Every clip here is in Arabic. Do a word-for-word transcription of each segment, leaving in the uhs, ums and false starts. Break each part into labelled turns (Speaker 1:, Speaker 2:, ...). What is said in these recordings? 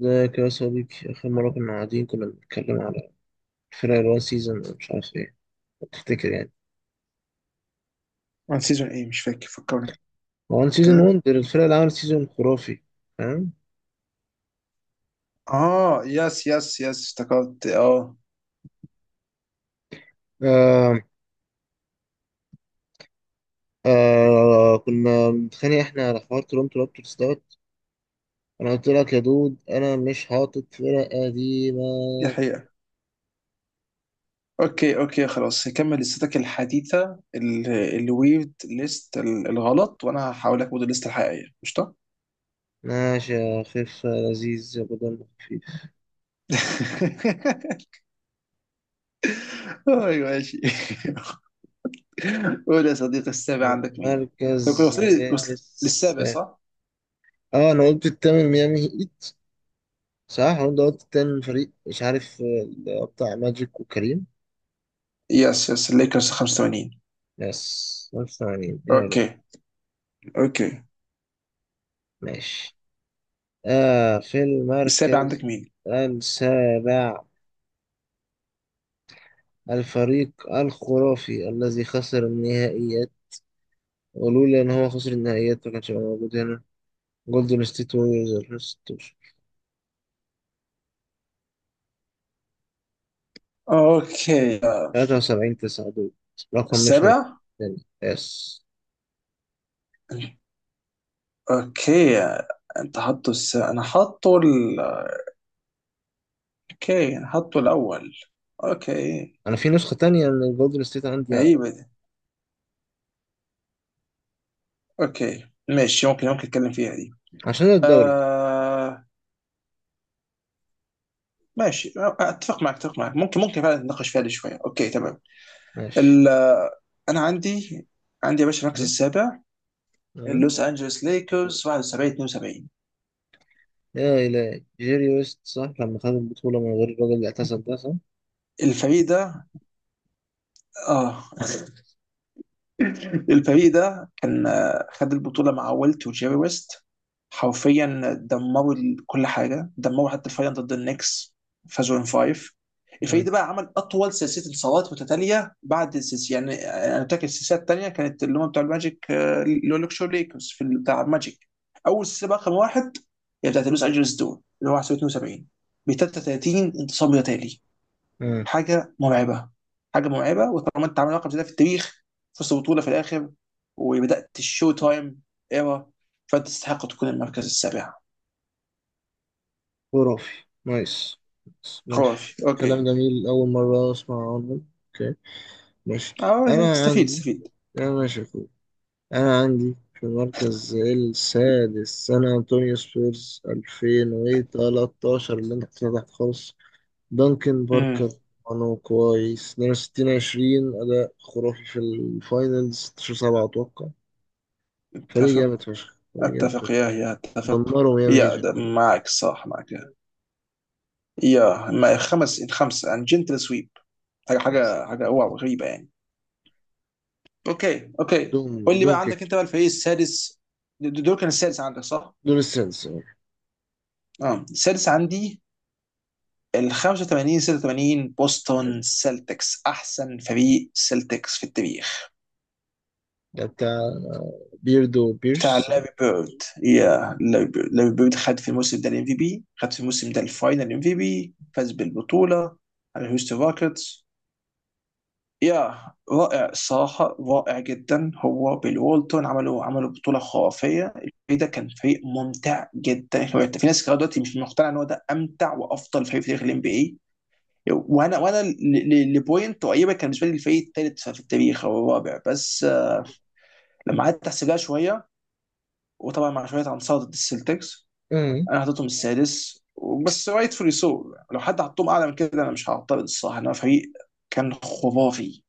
Speaker 1: ازيك يا صديقي؟ آخر مرة كنا قاعدين، كنا بنتكلم على الفرق الوان سيزون، مش عارف ايه، لو تفتكر يعني.
Speaker 2: وان سيزون ايه؟ مش فاكر، فكرني
Speaker 1: وان سيزون
Speaker 2: كده.
Speaker 1: وندر، الفرق اللي عملت سيزون خرافي، فاهم؟
Speaker 2: اه يس يس يس، افتكرت. اه
Speaker 1: آه آه كنا بنتخانق احنا على حوار تورنتو رابترز دوت. انا قلت لك يا دود، انا مش حاطط فرق قديمة.
Speaker 2: دي حقيقة. اوكي اوكي خلاص، هكمل لستك الحديثة ال- الويرد ليست، ال- الغلط، وانا هحاول اكبر الليست الحقيقية. قشطة.
Speaker 1: ماشي يا خفة لذيذ يا بدل خفيف.
Speaker 2: ايوه ماشي. قول يا صديقي، السابع عندك مين؟ طب كنا
Speaker 1: المركز
Speaker 2: وصلنا، وصل-
Speaker 1: السادس.
Speaker 2: للسابع صح؟
Speaker 1: اه، انا قلت التامن ميامي هيت. صح، وانت قلت التامن فريق مش عارف. آه، بتاع ماجيك وكريم.
Speaker 2: يس يس، الليكرز خمسة وثمانين.
Speaker 1: يس، نص ثانية دقيقة.
Speaker 2: اوكي اوكي.
Speaker 1: ماشي. آه، في
Speaker 2: السابع
Speaker 1: المركز
Speaker 2: عندك مين؟
Speaker 1: السابع، الفريق الخرافي الذي خسر النهائيات، ولولا إن هو خسر النهائيات ما كانش هيبقى موجود هنا. جولدن ستيت ووريرز ألفين وستاشر،
Speaker 2: اوكي
Speaker 1: تلاتة وسبعين تسعة، دول رقم مش
Speaker 2: السابع.
Speaker 1: تاني. يس.
Speaker 2: اوكي انت حاطه الس... انا حاطه ال... اوكي انا حاطه الاول. اوكي.
Speaker 1: أنا في نسخة تانية من الجولدن ستيت عندي أعلى،
Speaker 2: غريبة دي. اوكي ماشي، ممكن ممكن اتكلم فيها دي.
Speaker 1: عشان الدوري بس.
Speaker 2: آه... ماشي. اتفق معك، اتفق معك، ممكن ممكن فعلا نتناقش فيها دي شوية. اوكي تمام.
Speaker 1: ماشي.
Speaker 2: ال... انا عندي، عندي يا باشا المركز
Speaker 1: ها؟
Speaker 2: السابع،
Speaker 1: ها؟
Speaker 2: اللوس انجلوس ليكرز واحد وسبعين اثنان وسبعون.
Speaker 1: يا إلهي، جيري ويست، صح لما خد البطولة من غير الراجل اللي اعتزل ده، صح؟
Speaker 2: الفريق ده. اه الفريق ده كان، آه، خد البطولة مع ويلت وجيري ويست. حرفيا دمروا ال- كل حاجة، دمروا حتى الفاينل ضد النكس. فازوا ان فايف. الفريق
Speaker 1: مم.
Speaker 2: ده بقى عمل أطول سلسلة انتصارات متتالية. بعد السلسلة يعني، آه، أنا فاكر السلسلة التانية كانت اللي هم بتوع الماجيك، آه، اللي هو لوكشو ليكرز في ال- بتاع الماجيك. أول سلسلة بقى رقم واحد هي بتاعت لوس أنجلوس دول، اللي هو اثنين وسبعين، ب ثلاثة وثلاثين انتصار متتالي.
Speaker 1: مم.
Speaker 2: حاجه مرعبه. حاجه مرعبه. وطالما انت عامل رقم زي ده في التاريخ، فزت بطوله في الاخر، وبدات الشو تايم ايرا، فانت تستحق تكون المركز السابع.
Speaker 1: خرافي. نايس. نايس. ماشي.
Speaker 2: خرافي اوكي.
Speaker 1: كلام جميل، أول مرة أسمع عنه. أوكي. ماشي.
Speaker 2: اه
Speaker 1: أنا
Speaker 2: تستفيد
Speaker 1: عندي،
Speaker 2: تستفيد.
Speaker 1: أنا ماشي يا أخوي. أنا عندي في المركز السادس سان أنطونيو سبيرز ألفين وتلاتة عشر، اللي أنت كنت تحت خالص. دانكن
Speaker 2: امم
Speaker 1: باركر، أنا كويس، اتنين وستين عشرين، أداء خرافي في الفاينلز ستة عشر سبعة، أتوقع. فريق
Speaker 2: اتفق.
Speaker 1: جامد فشخ، فريق جامد
Speaker 2: اتفق
Speaker 1: فشخ.
Speaker 2: يا يا اتفق.
Speaker 1: دمروا ميامي هيت
Speaker 2: يا
Speaker 1: في
Speaker 2: ده،
Speaker 1: الفاينل.
Speaker 2: معك صح، معك يا يا. ما خمس، خمسه عن جنتل سويب. حاجه
Speaker 1: يس.
Speaker 2: حاجه حاجه، واو غريبه يعني. اوكي اوكي،
Speaker 1: دوم.
Speaker 2: قول لي
Speaker 1: دوم
Speaker 2: بقى،
Speaker 1: كيك.
Speaker 2: عندك انت بقى الفريق السادس؟ د- دول كان السادس عندك صح؟
Speaker 1: دول السنس.
Speaker 2: اه السادس عندي ال خمسة وثمانين ستة وثمانون، بوسطن سيلتكس، احسن فريق سيلتكس في التاريخ.
Speaker 1: ده بتاع بيردو بيرش،
Speaker 2: بتاع
Speaker 1: صح؟
Speaker 2: لاري بيرد. يا لاري بيرد، لاري بيرد خد في الموسم ده الام في بي، خد في الموسم ده الفاينل ام في بي، فاز بالبطوله على هيوستن روكيتس. يا رائع الصراحه، رائع جدا. هو بالوالتون عملوا عملوا بطوله خرافيه. الفريق ده كان فريق ممتع جدا. في ناس لغايه دلوقتي مش مقتنعه ان هو ده امتع وافضل فريق في تاريخ الام بي اي. وانا وانا ل- ل- لبوينت قريبه كان بالنسبه لي الفريق الثالث في التاريخ او الرابع بس، آه، لما قعدت احسبها شويه، وطبعا مع شويه عنصات ضد السلتكس،
Speaker 1: امم.
Speaker 2: انا حطيتهم السادس. بس رايت فولي سو، لو حد حطهم اعلى من كده انا مش هعترض الصراحه، انما فريق كان خرافي.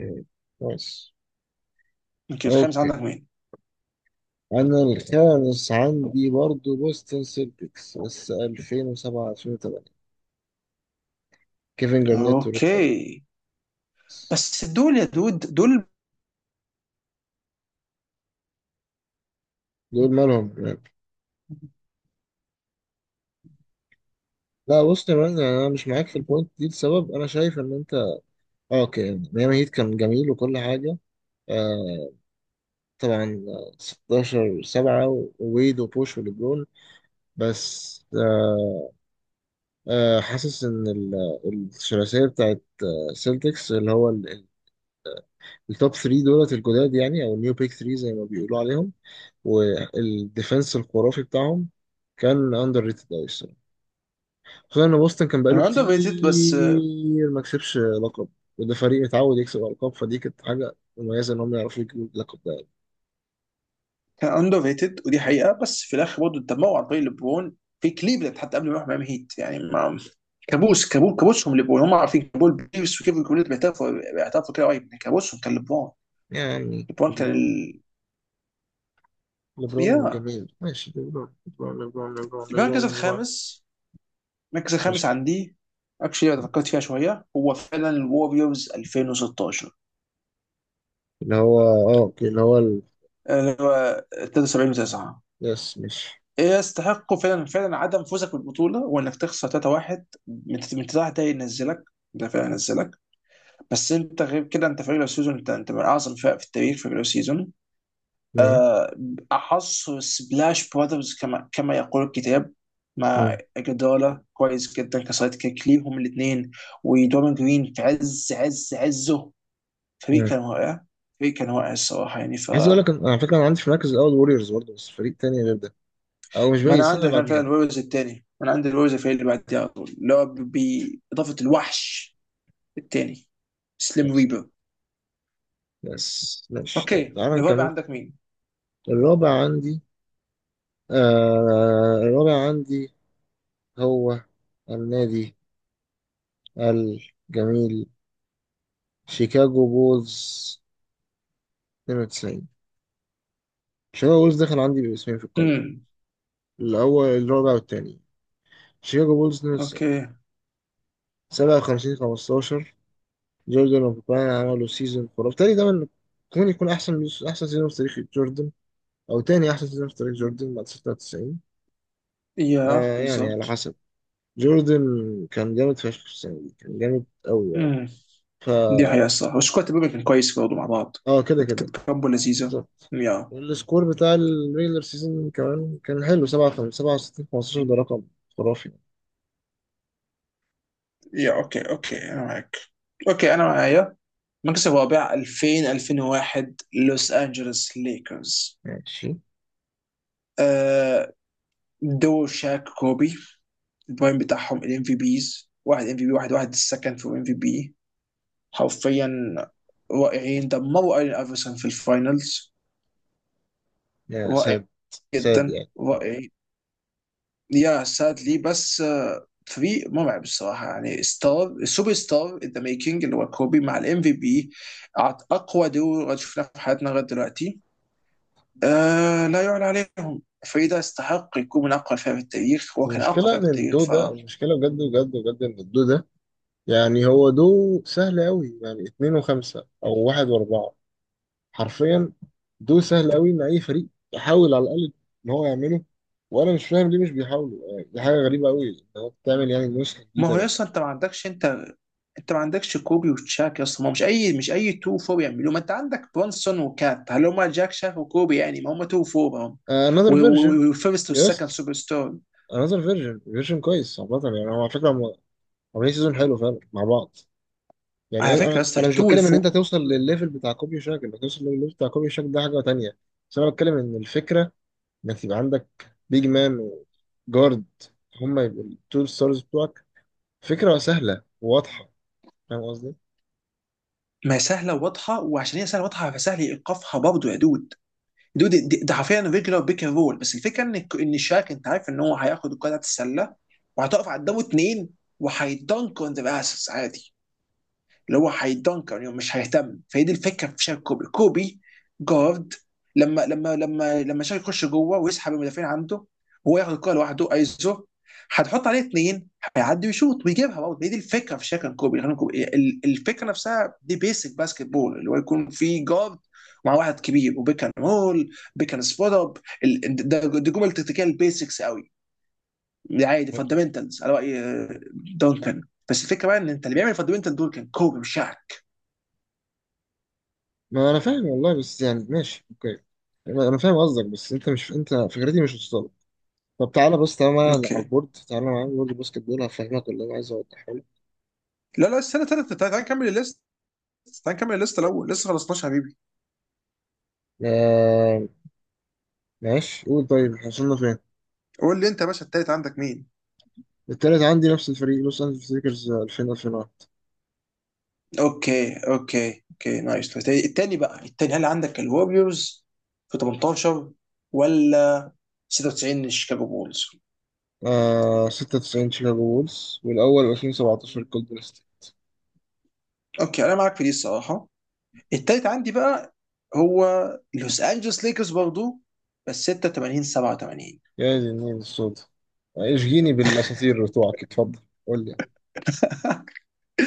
Speaker 1: أوكي، كويس.
Speaker 2: يمكن، الخامس
Speaker 1: اوكي،
Speaker 2: عندك مين؟
Speaker 1: انا الخامس عندي برضو بوستن سيلتكس بس ألفين وسبعة ألفين وتمانية، كيفن جارنيت وريك
Speaker 2: اوكي،
Speaker 1: أليكس.
Speaker 2: بس دول يا دود، دول
Speaker 1: دول مالهم يا رب؟ لا بص يا مان، يعني انا مش معاك في البوينت دي، لسبب انا شايف ان انت آه، اوكي ميامي هيت كان جميل وكل حاجه. آه طبعا آه، ستاشر سبعة وويد وبوش وليبرون، بس آه آه، حاسس ان ال- الثلاثيه، السلتكس اللي هو ال- التوب تلاتة دولت الجداد يعني، او النيو بيك تلاتة زي ما بيقولوا عليهم، والديفenس الخرافي بتاعهم، كان اندر ريتد قوي الصراحه. خصوصا ان بوسطن كان بقاله
Speaker 2: اندر ريتد بس.
Speaker 1: كتير ما كسبش لقب، وده فريق متعود يكسب القاب، فدي كانت حاجه مميزه ان هم يعرفوا يجيبوا اللقب ده يعني.
Speaker 2: كان اندر ريتد ودي حقيقه، بس في الاخر برضه اتدمروا عن طريق ليبرون في كليفلاند، حتى قبل ما يروح ميامي هيت يعني. ما كابوس، كابوس، كابوسهم ليبرون. هم عارفين، كابول بيرس وكيفن كوليت بيعترفوا بيعترفوا كده قريب إن كابوسهم كان ليبرون.
Speaker 1: يعني
Speaker 2: ليبرون كان
Speaker 1: ليبرون،
Speaker 2: ال...
Speaker 1: ليبرون
Speaker 2: يا.
Speaker 1: جميل، ماشي. ليبرون ليبرون ليبرون ليبرون ليبرون
Speaker 2: المركز
Speaker 1: ليبرون.
Speaker 2: الخامس، المركز الخامس
Speaker 1: ماشي.
Speaker 2: عندي، اكشلي انا فكرت فيها شويه، هو فعلا الوريورز ألفين وستاشر،
Speaker 1: اللي هو اه اوكي، اللي هو ال...
Speaker 2: اللي هو ثلاثة وسبعين و9.
Speaker 1: يس، ماشي.
Speaker 2: يستحقوا فعلا، فعلا عدم فوزك بالبطوله وانك تخسر ثلاثة واحد من من تسعة، ده ينزلك، ده فعلا ينزلك. بس انت غير كده انت فريق لو سيزون، انت انت من اعظم الفرق في التاريخ في الريجولار سيزون.
Speaker 1: مم.
Speaker 2: احص سبلاش براذرز، كما كما يقول الكتاب. مع جدالة كويس جدا كسايد كيك ليهم الاثنين، ودوران جرين في عز عز عزه. فريق
Speaker 1: مم.
Speaker 2: كان واقع. فريق كان واقع الصراحه يعني، ف
Speaker 1: عايز اقول لك أنا- على فكره انا عندي في المركز الاول ووريرز برضه، بس فريق تاني غير ده، او مش
Speaker 2: ما
Speaker 1: باقي
Speaker 2: انا
Speaker 1: السنه اللي
Speaker 2: عندي كان فعلا
Speaker 1: بعديها.
Speaker 2: الويرز الثاني. انا عندي الويرز الفريق اللي بعديه على طول، اللي هو باضافه الوحش الثاني سليم
Speaker 1: بس.
Speaker 2: ريبر.
Speaker 1: بس ماشي، طيب
Speaker 2: اوكي،
Speaker 1: تعالى
Speaker 2: الرابع
Speaker 1: نكمل.
Speaker 2: عندك مين؟
Speaker 1: الرابع عندي، آه الرابع عندي هو النادي الجميل شيكاغو بولز اتنين وتسعين. شيكاغو بولز دخل عندي باسمين في القائمه،
Speaker 2: امم
Speaker 1: الاول الرابع والتاني. شيكاغو بولز اتنين وتسعين،
Speaker 2: اوكي.
Speaker 1: سبعة وخمسين خمستاشر. جوردن وبوبان عملوا سيزون خرافي تاني، ده من ممكن يكون احسن، احسن سيزون في تاريخ جوردن، او تاني احسن سيزون في تاريخ جوردن بعد ستة وتسعين.
Speaker 2: يا
Speaker 1: آه يعني على
Speaker 2: بالظبط.
Speaker 1: حسب، جوردن كان جامد فشخ في السنه دي، كان جامد قوي يعني.
Speaker 2: امم
Speaker 1: ف
Speaker 2: دي حقيقة الصراحة، بس كويس تبقى، كان كويس برضه مع بعض.
Speaker 1: اه كده
Speaker 2: كانت
Speaker 1: كده.
Speaker 2: كانت كامبو لذيذة.
Speaker 1: بالظبط.
Speaker 2: يا.
Speaker 1: والسكور بتاع الريجلر سيزون كمان كان حلو، سبعة وخمسين سبعة وستين خمستاشر، ده رقم خرافي.
Speaker 2: يا اوكي اوكي انا معاك. اوكي انا معايا. المركز الرابع ألفين ألفين وواحد، لوس انجلوس ليكرز.
Speaker 1: ماشي
Speaker 2: آه، دو شاك كوبي. البرايم بتاعهم، الام في بيز واحد، ام في بي واحد واحد، السكند في ام في بي. حرفيا رائعين. دمروا ايرين افرسون في الفاينلز.
Speaker 1: يا
Speaker 2: رائع
Speaker 1: ساد. ساد
Speaker 2: جدا،
Speaker 1: يعني
Speaker 2: رائع. يا سادلي، بس آه، فريق مرعب الصراحه يعني. ستار سوبر ستار ان ذا ميكينج اللي هو كوبي مع الام في بي. اقوى دور شفناه في حياتنا لغايه دلوقتي. آه لا يعلى عليهم، الفريق ده يستحق يكون من اقوى فرق في التاريخ، هو كان اقوى
Speaker 1: المشكلة
Speaker 2: فرق
Speaker 1: إن
Speaker 2: في التاريخ.
Speaker 1: الدو
Speaker 2: ف
Speaker 1: ده، المشكلة بجد بجد بجد إن الدو ده، يعني هو دو سهل أوي، يعني اتنين وخمسة أو واحد وأربعة، حرفيا. دول سهل قوي ان اي فريق يحاول على الاقل ان هو يعمله، وانا مش فاهم ليه مش بيحاولوا يعني، دي حاجه غريبه قوي ان هو بتعمل يعني نسخه
Speaker 2: ما
Speaker 1: جديده
Speaker 2: هو
Speaker 1: من
Speaker 2: يصلا انت ما عندكش، انت انت ما عندكش كوبي وتشاك اصلا. ما هو مش اي، مش اي تو فور يعملوه. ما انت عندك برونسون وكات، هل هم جاك شاك وكوبي؟ يعني ما هم تو فور هم.
Speaker 1: آه، another version.
Speaker 2: والفيرست والسكند
Speaker 1: يس،
Speaker 2: سوبر ستار.
Speaker 1: another version version كويس عامه يعني. هو على فكره هم عاملين سيزون حلو فعلا مع بعض. يعني
Speaker 2: على فكره يا
Speaker 1: انا
Speaker 2: اسطى
Speaker 1: انا مش
Speaker 2: التو
Speaker 1: بتكلم ان انت
Speaker 2: والفور.
Speaker 1: توصل للليفل بتاع كوبي شاك، انك توصل للليفل بتاع كوبي شاك ده حاجه تانيه. بس انا بتكلم ان الفكره انك يبقى عندك بيج مان وجارد، هم يبقوا التو ستارز بتوعك، فكره سهله وواضحه. فاهم قصدي؟
Speaker 2: ما هي سهله وواضحه، وعشان هي سهله وواضحه فسهل ايقافها برضه يا دود. دود دي- ده حرفيا ريجلر بيك اند رول، بس الفكره ان ان شاك انت عارف ان هو هياخد الكره بتاعت السله وهتقف قدامه اتنين، وهيدنك اون ذا اسس عادي، اللي هو هيدنكر يعني مش هيهتم. فهي دي الفكره في شارك كوبي. كوبي جارد، لما لما لما لما شارك يخش جوه ويسحب المدافعين عنده، هو ياخد الكوره لوحده ايزو، هتحط عليه اثنين، هيعدي ويشوط ويجيبها برضه. هي دي الفكره في شارك كوبي يعني. كوبي- ال- الفكره نفسها دي بيسك باسكت بول، اللي هو يكون في جارد مع واحد كبير، وبيكن رول، بيكن سبوت اب. ال- ده دي جمل تكتيكال بيسكس قوي. دي عادي فاندمنتالز على راي آه، دونكن. بس الفكره بقى ان انت اللي بيعمل فاندمنتال دول كان كوبي، مش شعب.
Speaker 1: ما انا فاهم والله، بس يعني ماشي اوكي. انا أنا فاهم قصدك، بس انت مش، انت فكرتي مش وصلت. طب تعالى بص، تعالى معايا على
Speaker 2: اوكي.
Speaker 1: البورد، تعالى معايا على بورد الباسكت بول هفهمك اللي انا عايز اوضحه لك.
Speaker 2: لا لا، استنى استنى، تعال تعال نكمل الليست. تعال نكمل الليست الاول، لسه خلصناش يا حبيبي.
Speaker 1: آه، ماشي، قول طيب احنا وصلنا فين.
Speaker 2: قول لي انت يا باشا، التالت عندك مين؟
Speaker 1: التالت عندي نفس الفريق لوس انجلوس ليكرز ألفين ألفين وواحد.
Speaker 2: اوكي اوكي اوكي، نايس. التاني، التاني بقى التاني هل عندك الوريوز في تمنتاشر، ولا ستة وتسعين شيكاغو بولز؟
Speaker 1: آه، ستة وتسعين شيكاغو بولز، والاول ألفين وسبعتاشر جولدن ستيت.
Speaker 2: اوكي انا معاك في دي الصراحه. التالت عندي بقى هو لوس انجلوس ليكرز برضه، بس ستة وثمانين سبعة وثمانين.
Speaker 1: يا دي النيل السودا، اشجيني بالاساطير بتوعك اتفضل، قول لي يعني.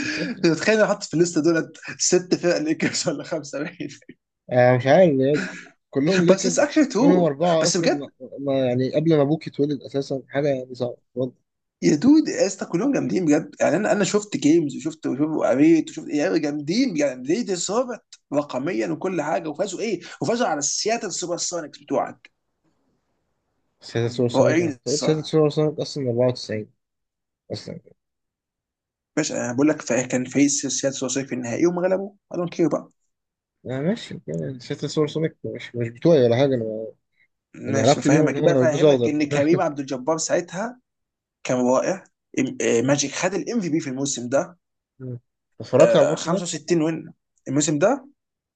Speaker 1: اتفضل.
Speaker 2: تتخيل انا حاطط في الليست دولت ست فرق ليكرز ولا خمسه؟ باين.
Speaker 1: آه، مش عارف بجد. كلهم
Speaker 2: بس اتس
Speaker 1: ليكرز،
Speaker 2: اكشلي
Speaker 1: منهم
Speaker 2: تو.
Speaker 1: أربعة
Speaker 2: بس
Speaker 1: أصلا ما،
Speaker 2: بجد،
Speaker 1: ما- يعني قبل ما أبوك يتولد أساسا، حاجة يعني صعبة برضه.
Speaker 2: يا دود يا اسطى كلهم جامدين بجد يعني. انا انا شفت جيمز، وشفت وشفت- وقريت وشفت، يعني جامدين يعني. ليه دي صابت رقميا وكل حاجه، وفازوا ايه، وفازوا على السياتل سوبر سونيكس بتوعك.
Speaker 1: سياسة سوبر سونيك، أنا
Speaker 2: رائعين
Speaker 1: كنت قلت سياسة
Speaker 2: الصراحه.
Speaker 1: سوبر سونيك أصلا أربعة وتسعين أصلا.
Speaker 2: ماشي انا بقول لك، فا- كان فريق السياتل سوبر سونيكس في النهائي وما غلبوا. I don't care بقى.
Speaker 1: آه ماشي، يعني سياسة سوبر سونيك مش مش بتوعي ولا حاجة أنا، يعني
Speaker 2: ماشي
Speaker 1: علاقتي بيهم إن
Speaker 2: بفهمك،
Speaker 1: هم كانوا بيلبسوا
Speaker 2: بفهمك ان
Speaker 1: أخضر
Speaker 2: كريم عبد الجبار ساعتها كان رائع. إم- آه، ماجيك خد الام في بي في الموسم ده،
Speaker 1: مم. اتفرجت على
Speaker 2: آه،
Speaker 1: الماتش ده
Speaker 2: خمسة وستين وين الموسم ده.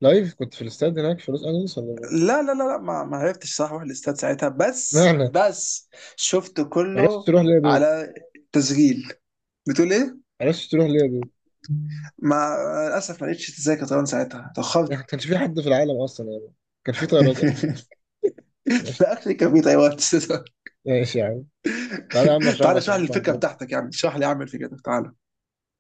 Speaker 1: لايف، كنت في الاستاد هناك في لوس أنجلوس ولا إيه؟
Speaker 2: لا لا لا لا، ما, ما عرفتش صح اروح الاستاد ساعتها،
Speaker 1: معنى
Speaker 2: بس
Speaker 1: ما
Speaker 2: بس شفته
Speaker 1: عرفتش
Speaker 2: كله
Speaker 1: تروح ليه يا دود؟
Speaker 2: على تسجيل. بتقول ايه؟
Speaker 1: ما عرفتش تروح ليه يا دود؟
Speaker 2: ما للاسف ما لقيتش تذاكر طيران ساعتها،
Speaker 1: ما
Speaker 2: اتاخرت.
Speaker 1: كانش في حد في العالم أصلا، يعني ما كانش في طيارات أصلا.
Speaker 2: لا
Speaker 1: ماشي.
Speaker 2: اكشلي كان في طيران.
Speaker 1: ماشي يا عم، تعالى يا عم أشرح
Speaker 2: تعالى
Speaker 1: لك يا
Speaker 2: اشرح لي
Speaker 1: عم على
Speaker 2: الفكره
Speaker 1: البرج.
Speaker 2: بتاعتك، يعني اشرح لي، اعمل الفكره بتاعتك، تعالى.